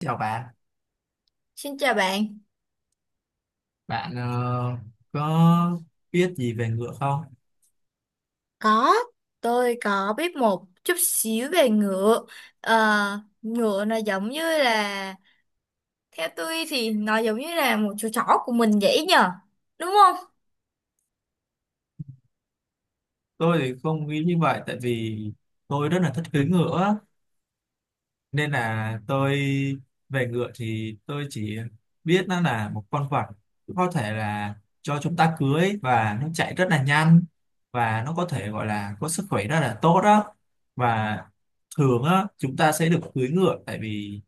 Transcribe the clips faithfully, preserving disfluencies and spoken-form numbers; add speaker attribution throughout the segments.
Speaker 1: Chào bạn,
Speaker 2: Xin chào bạn.
Speaker 1: bạn ờ, có biết gì về ngựa không?
Speaker 2: Có, tôi có biết một chút xíu về ngựa. Ờ, ngựa nó giống như là, theo tôi thì nó giống như là một chú chó của mình vậy nhờ. Đúng không?
Speaker 1: Tôi thì không nghĩ như vậy tại vì tôi rất là thích cưỡi ngựa nên là tôi, về ngựa thì tôi chỉ biết nó là một con vật có thể là cho chúng ta cưỡi, và nó chạy rất là nhanh và nó có thể gọi là có sức khỏe rất là tốt đó. Và thường á chúng ta sẽ được cưỡi ngựa tại vì,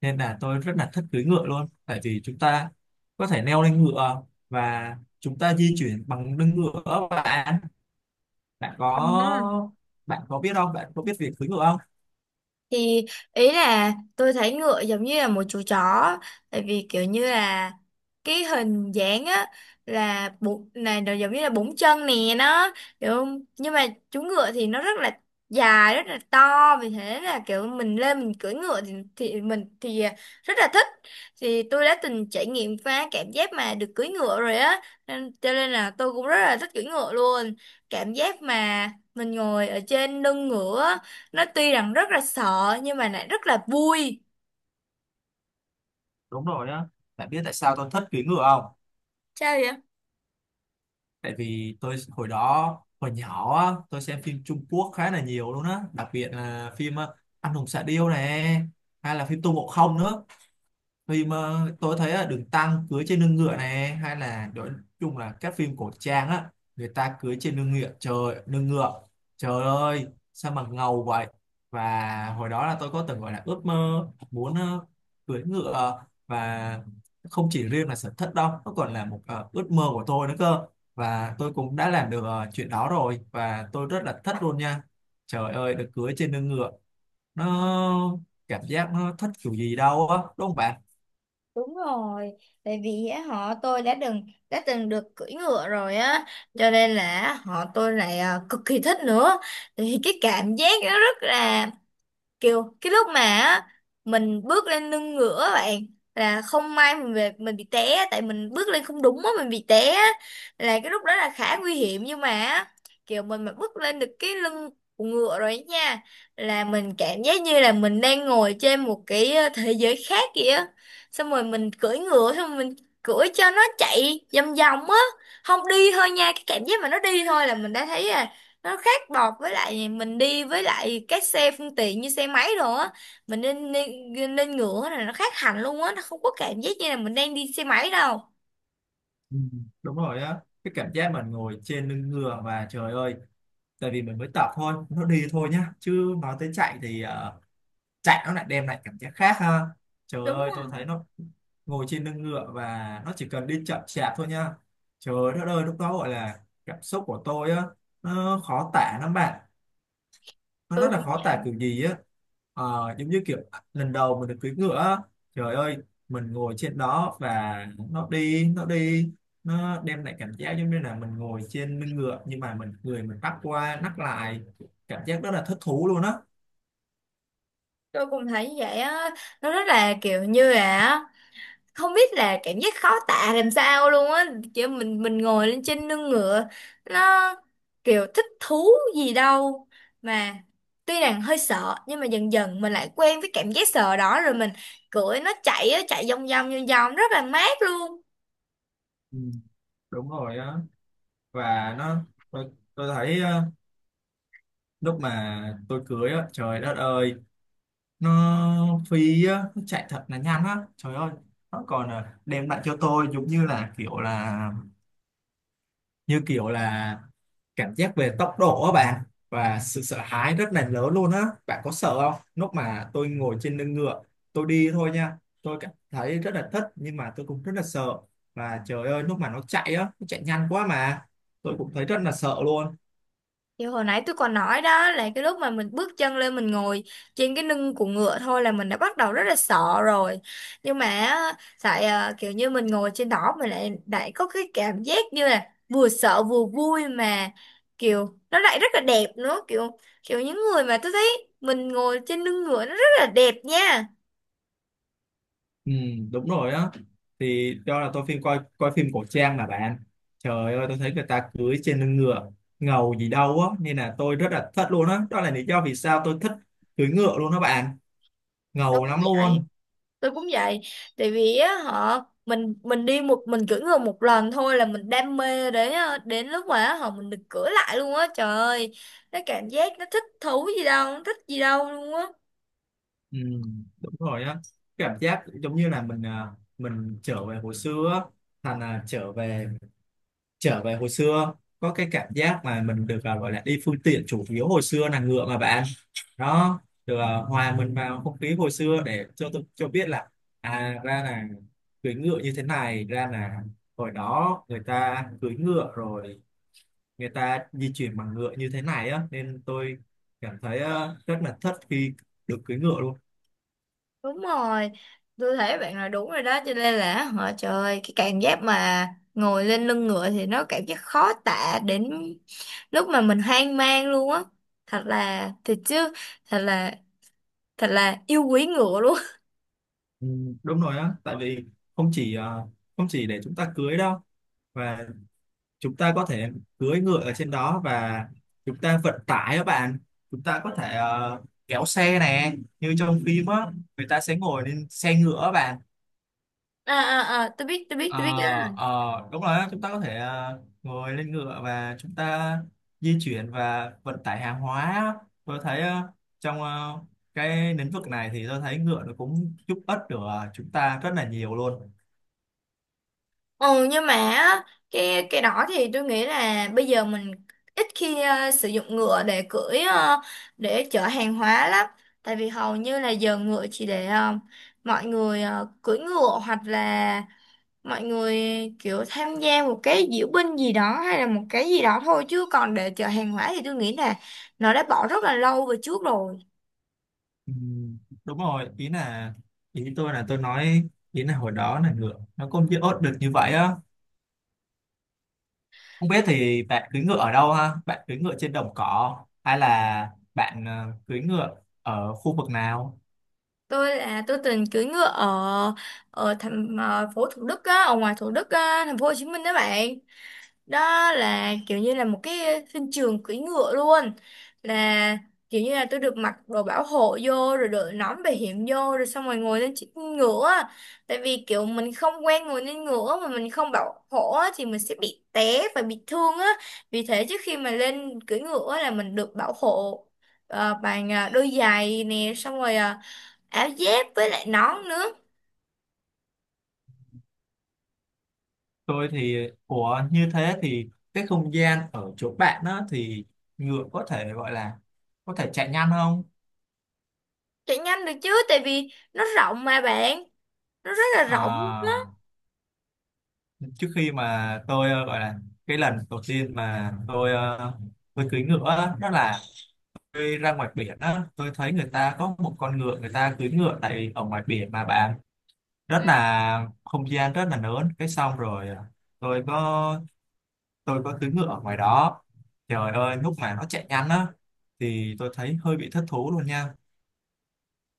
Speaker 1: nên là tôi rất là thích cưỡi ngựa luôn, tại vì chúng ta có thể leo lên ngựa và chúng ta di chuyển bằng lưng ngựa. Bạn, bạn
Speaker 2: Ừ,
Speaker 1: có, bạn có biết không bạn có biết việc cưỡi ngựa không?
Speaker 2: thì ý là tôi thấy ngựa giống như là một chú chó, tại vì kiểu như là cái hình dáng á, là bốn này nó giống như là bốn chân nè nó, hiểu không, nhưng mà chú ngựa thì nó rất là dài, rất là to, vì thế là kiểu mình lên mình cưỡi ngựa thì, thì mình thì rất là thích. Thì tôi đã từng trải nghiệm qua cảm giác mà được cưỡi ngựa rồi á, nên cho nên là tôi cũng rất là thích cưỡi ngựa luôn. Cảm giác mà mình ngồi ở trên lưng ngựa, nó tuy rằng rất là sợ nhưng mà lại rất là vui.
Speaker 1: Đúng rồi á. Bạn biết tại sao tôi thích cưỡi ngựa không?
Speaker 2: Sao vậy?
Speaker 1: Tại vì tôi hồi đó, hồi nhỏ á, tôi xem phim Trung Quốc khá là nhiều luôn á, đặc biệt là phim ờ, Anh hùng xạ điêu này, hay là phim Tô Ngộ Không nữa. Phim ờ, tôi thấy là được tăng cưới trên lưng ngựa này, hay là nói chung là các phim cổ trang á, người ta cưới trên lưng ngựa, trời lưng ngựa, trời ơi sao mà ngầu vậy. Và hồi đó là tôi có từng gọi là ước mơ muốn ờ, cưới ngựa, và không chỉ riêng là sở thích đâu, nó còn là một ờ, ước mơ của tôi nữa cơ. Và tôi cũng đã làm được ờ, chuyện đó rồi và tôi rất là thích luôn nha. Trời ơi được cưới trên lưng ngựa, nó, cảm giác nó thích kiểu gì đâu á, đúng không bạn?
Speaker 2: Đúng rồi, tại vì á, họ tôi đã từng đã từng được cưỡi ngựa rồi á, cho nên là họ tôi lại à, cực kỳ thích nữa. Thì cái cảm giác nó rất là kiểu cái lúc mà á, mình bước lên lưng ngựa á bạn, là không may mình về mình bị té á, tại mình bước lên không đúng á mình bị té á. Là cái lúc đó là khá nguy hiểm nhưng mà á, kiểu mình mà bước lên được cái lưng của ngựa rồi ấy nha, là mình cảm giác như là mình đang ngồi trên một cái ờ, thế giới khác vậy á. Xong rồi mình cưỡi ngựa xong rồi mình cưỡi cho nó chạy vòng vòng á, không đi thôi nha, cái cảm giác mà nó đi thôi là mình đã thấy nó khác bọt với lại mình đi với lại các xe phương tiện như xe máy rồi á. Mình nên nên, nên ngựa này nó khác hẳn luôn á, nó không có cảm giác như là mình đang đi xe máy đâu.
Speaker 1: Ừ, đúng rồi á, cái cảm giác mình ngồi trên lưng ngựa và trời ơi. Tại vì mình mới tập thôi, nó đi thôi nhá, chứ nói tới chạy thì ờ, chạy nó lại đem lại cảm giác khác ha. Trời
Speaker 2: Đúng
Speaker 1: ơi tôi
Speaker 2: không?
Speaker 1: thấy nó, ngồi trên lưng ngựa và nó chỉ cần đi chậm chạp thôi nha, trời đất ơi lúc đó gọi là cảm xúc của tôi á nó khó tả lắm bạn, nó rất
Speaker 2: Tôi
Speaker 1: là
Speaker 2: cũng
Speaker 1: khó tả
Speaker 2: vậy.
Speaker 1: kiểu gì á. Ờ, giống như kiểu lần đầu mình được cưỡi ngựa á, trời ơi mình ngồi trên đó và nó đi nó đi, nó đem lại cảm giác giống như là mình ngồi trên lưng ngựa nhưng mà mình, người mình bắt qua nắt lại, cảm giác rất là thích thú luôn á.
Speaker 2: Tôi cũng thấy như vậy á, nó rất là kiểu như là không biết là cảm giác khó tả làm sao luôn á, kiểu mình mình ngồi lên trên lưng ngựa, nó kiểu thích thú gì đâu mà tuy rằng hơi sợ nhưng mà dần dần mình lại quen với cảm giác sợ đó rồi mình cưỡi nó chạy á, chạy vòng vòng vòng vòng rất là mát luôn.
Speaker 1: Ừ, đúng rồi á, và nó, tôi, tôi thấy ờ, lúc mà tôi cưới á, trời đất ơi nó phi á, nó chạy thật là nhanh á, trời ơi. Nó còn ờ, đem lại cho tôi giống như là kiểu là, như kiểu là cảm giác về tốc độ á bạn, và sự sợ hãi rất là lớn luôn á. Bạn có sợ không lúc mà tôi ngồi trên lưng ngựa, tôi đi thôi nha, tôi cảm thấy rất là thích nhưng mà tôi cũng rất là sợ. Và trời ơi lúc mà nó chạy á, nó chạy nhanh quá mà tôi cũng thấy rất là sợ luôn.
Speaker 2: Thì hồi nãy tôi còn nói đó là cái lúc mà mình bước chân lên mình ngồi trên cái lưng của ngựa thôi là mình đã bắt đầu rất là sợ rồi. Nhưng mà á, tại à, kiểu như mình ngồi trên đó mình lại lại có cái cảm giác như là vừa sợ vừa vui, mà kiểu nó lại rất là đẹp nữa, kiểu kiểu những người mà tôi thấy mình ngồi trên lưng ngựa nó rất là đẹp nha.
Speaker 1: Ừ, đúng rồi á, thì do là tôi phim, coi coi phim cổ trang mà bạn, trời ơi tôi thấy người ta cưỡi trên lưng ngựa ngầu gì đâu á, nên là tôi rất là thích luôn á đó. Đó là lý do vì sao tôi thích cưỡi ngựa luôn đó bạn,
Speaker 2: Đúng
Speaker 1: ngầu lắm luôn.
Speaker 2: vậy. Tôi cũng vậy, tại vì á họ mình mình đi một mình cưỡi ngựa một lần thôi là mình đam mê, đến đến lúc mà á, họ mình được cưỡi lại luôn á, trời ơi, nó cảm giác nó thích thú gì đâu, nó thích gì đâu luôn á.
Speaker 1: Ừ, đúng rồi á, cảm giác giống như là mình à, mình trở về hồi xưa á. Thành là trở về, trở về hồi xưa, có cái cảm giác mà mình được à, gọi là đi phương tiện chủ yếu hồi xưa là ngựa mà bạn. Đó, được à, hòa mình vào không khí hồi xưa để cho tôi cho biết là à ra là cưỡi ngựa như thế này, ra là hồi đó người ta cưỡi ngựa rồi, người ta di chuyển bằng ngựa như thế này á, nên tôi cảm thấy à, rất là thất khi được cưỡi ngựa luôn.
Speaker 2: Đúng rồi, tôi thấy bạn nói đúng rồi đó, cho nên là họ trời ơi, cái cảm giác mà ngồi lên lưng ngựa thì nó cảm giác khó tả, đến lúc mà mình hoang mang luôn á, thật là thật chứ, thật là thật là yêu quý ngựa luôn.
Speaker 1: Ừ, đúng rồi á, tại vì không chỉ ờ, không chỉ để chúng ta cưới đâu, và chúng ta có thể cưỡi ngựa ở trên đó, và chúng ta vận tải các bạn. Chúng ta có thể ờ, kéo xe nè, như trong phim á người ta sẽ ngồi lên xe ngựa các bạn.
Speaker 2: À à à, tôi biết tôi biết
Speaker 1: Ờ,
Speaker 2: tôi biết.
Speaker 1: ờ, đúng rồi á, chúng ta có thể ờ, ngồi lên ngựa và chúng ta di chuyển và vận tải hàng hóa á. Tôi thấy ờ, trong ờ, cái lĩnh vực này thì tôi thấy ngựa nó cũng giúp ích được ờ, chúng ta rất là nhiều luôn.
Speaker 2: Ừ nhưng mà á, cái cái đó thì tôi nghĩ là bây giờ mình ít khi ờ, sử dụng ngựa để cưỡi, ờ, để chở hàng hóa lắm, tại vì hầu như là giờ ngựa chỉ để ờ, mọi người ờ, cưỡi ngựa, hoặc là mọi người kiểu tham gia một cái diễu binh gì đó hay là một cái gì đó thôi, chứ còn để chở hàng hóa thì tôi nghĩ là nó đã bỏ rất là lâu về trước rồi.
Speaker 1: Ừ, đúng rồi, ý là, ý tôi là tôi nói ý là hồi đó là ngựa nó cũng chưa ốt được như vậy á. Không biết thì bạn cưỡi ngựa ở đâu ha, bạn cưỡi ngựa trên đồng cỏ hay là bạn ờ, cưỡi ngựa ở khu vực nào?
Speaker 2: Tôi là tôi từng cưỡi ngựa ở ở thành ờ, phố Thủ Đức á, ở ngoài Thủ Đức á, thành phố Hồ Chí Minh đó bạn. Đó là kiểu như là một cái sân trường cưỡi ngựa luôn, là kiểu như là tôi được mặc đồ bảo hộ vô rồi đội nón bảo hiểm vô rồi xong rồi ngồi lên chiếc ngựa á. Tại vì kiểu mình không quen ngồi lên ngựa mà mình không bảo hộ á, thì mình sẽ bị té và bị thương á, vì thế trước khi mà lên cưỡi ngựa á là mình được bảo hộ ờ, bằng ờ, đôi giày nè, xong rồi ờ, áo dép với lại nón nữa.
Speaker 1: Tôi thì của như thế thì cái không gian ở chỗ bạn á thì ngựa có thể gọi là có thể chạy nhanh không?
Speaker 2: Chạy nhanh được chứ, tại vì nó rộng mà bạn, nó rất là rộng.
Speaker 1: À, trước khi mà tôi ờ, gọi là cái lần đầu tiên mà tôi ờ, tôi cưỡi ngựa á, đó là tôi ra ngoài biển á, tôi thấy người ta có một con ngựa, người ta cưỡi ngựa tại ở ngoài biển mà bạn,
Speaker 2: Ừ.
Speaker 1: rất là không gian rất là lớn, cái xong rồi à, tôi có, tôi có cưỡi ngựa ở ngoài đó. Trời ơi lúc mà nó chạy nhanh á thì tôi thấy hơi bị thất thú luôn nha,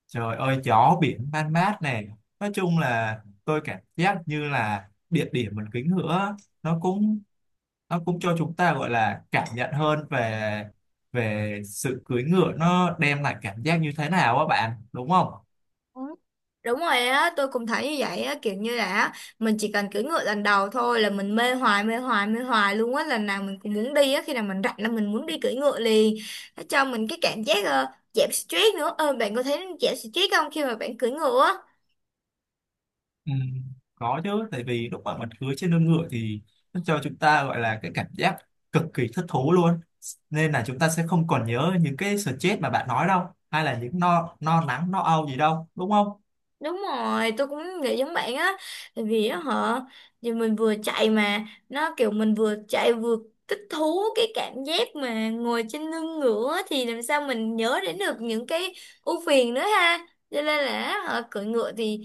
Speaker 1: trời ơi gió biển man mát này. Nói chung là tôi cảm giác như là địa điểm mình cưỡi ngựa á, nó cũng, nó cũng cho chúng ta gọi là cảm nhận hơn về, về sự cưỡi ngựa nó đem lại cảm giác như thế nào á bạn, đúng không?
Speaker 2: Ừ, đúng rồi á, tôi cũng thấy như vậy á, kiểu như là á, mình chỉ cần cưỡi ngựa lần đầu thôi là mình mê hoài mê hoài mê hoài luôn á, lần nào mình cũng muốn đi á, khi nào mình rảnh là mình muốn đi cưỡi ngựa liền. Nó cho mình cái cảm giác ờ, giảm sờ trét nữa, ờ, bạn có thấy giảm sờ trét không khi mà bạn cưỡi ngựa á?
Speaker 1: Ừ, có chứ, tại vì lúc mà mình cưỡi trên lưng ngựa thì nó cho chúng ta gọi là cái cảm giác cực kỳ thích thú luôn, nên là chúng ta sẽ không còn nhớ những cái stress mà bạn nói đâu, hay là những no no nắng no âu gì đâu, đúng không?
Speaker 2: Đúng rồi, tôi cũng nghĩ giống bạn á. Tại vì á họ giờ mình vừa chạy mà nó kiểu mình vừa chạy vừa thích thú, cái cảm giác mà ngồi trên lưng ngựa á, thì làm sao mình nhớ đến được những cái ưu phiền nữa ha, cho nên là họ cưỡi ngựa thì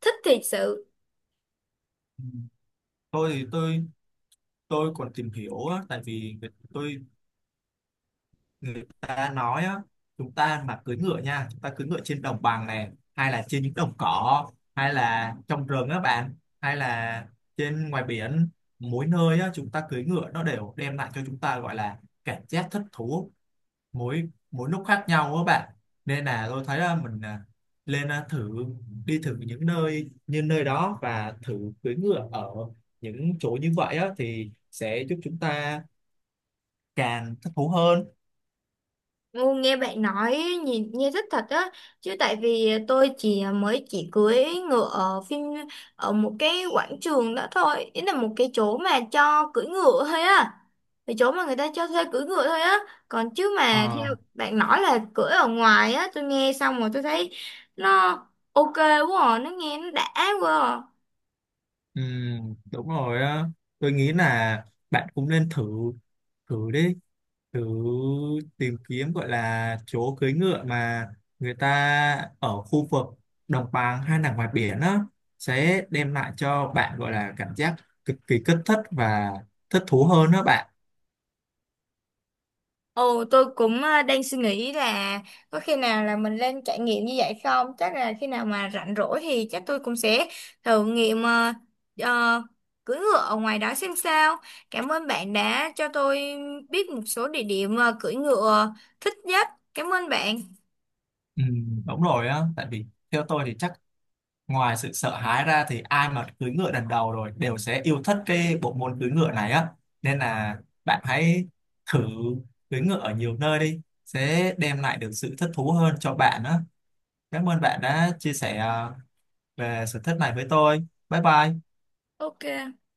Speaker 2: thích thiệt sự.
Speaker 1: Ừ. Tôi thì tôi tôi còn tìm hiểu á, tại vì tôi, người ta nói á, chúng ta mà cưỡi ngựa nha, chúng ta cưỡi ngựa trên đồng bằng này hay là trên những đồng cỏ hay là trong rừng á bạn, hay là trên ngoài biển, mỗi nơi á chúng ta cưỡi ngựa nó đều đem lại cho chúng ta gọi là cảm giác thích thú mỗi mỗi lúc khác nhau á bạn. Nên là tôi thấy á, mình à, lên à, thử đi thử những nơi như nơi đó và thử cưỡi ngựa ở những chỗ như vậy á, thì sẽ giúp chúng ta càng thích thú hơn.
Speaker 2: Ngu nghe bạn nói, nhìn nghe rất thật á, chứ tại vì tôi chỉ mới chỉ cưỡi ngựa ở phim, ở một cái quảng trường đó thôi, ý là một cái chỗ mà cho cưỡi ngựa thôi á, cái chỗ mà người ta cho thuê cưỡi ngựa thôi á. Còn chứ mà
Speaker 1: Ờ.
Speaker 2: theo bạn nói là cưỡi ở ngoài á, tôi nghe xong rồi tôi thấy nó ô kê quá à. Nó nghe nó đã quá à.
Speaker 1: Ừ, đúng rồi á. Tôi nghĩ là bạn cũng nên thử, thử đi, thử tìm kiếm gọi là chỗ cưới ngựa mà người ta ở khu vực đồng bằng hay là ngoài biển á, sẽ đem lại cho bạn gọi là cảm giác cực kỳ kích thích và thích thú hơn đó bạn.
Speaker 2: Ồ, tôi cũng ờ, đang suy nghĩ là có khi nào là mình lên trải nghiệm như vậy không? Chắc là khi nào mà rảnh rỗi thì chắc tôi cũng sẽ thử nghiệm ờ, ờ, cưỡi ngựa ở ngoài đó xem sao. Cảm ơn bạn đã cho tôi biết một số địa điểm ờ, cưỡi ngựa thích nhất. Cảm ơn bạn.
Speaker 1: Ừ, đúng rồi á, tại vì theo tôi thì chắc ngoài sự sợ hãi ra thì ai mà cưỡi ngựa lần đầu rồi đều sẽ yêu thích cái bộ môn cưỡi ngựa này á. Nên là bạn hãy thử cưỡi ngựa ở nhiều nơi đi, sẽ đem lại được sự thích thú hơn cho bạn á. Cảm ơn bạn đã chia sẻ ờ, về sở thích này với tôi, bye bye.
Speaker 2: ô kê.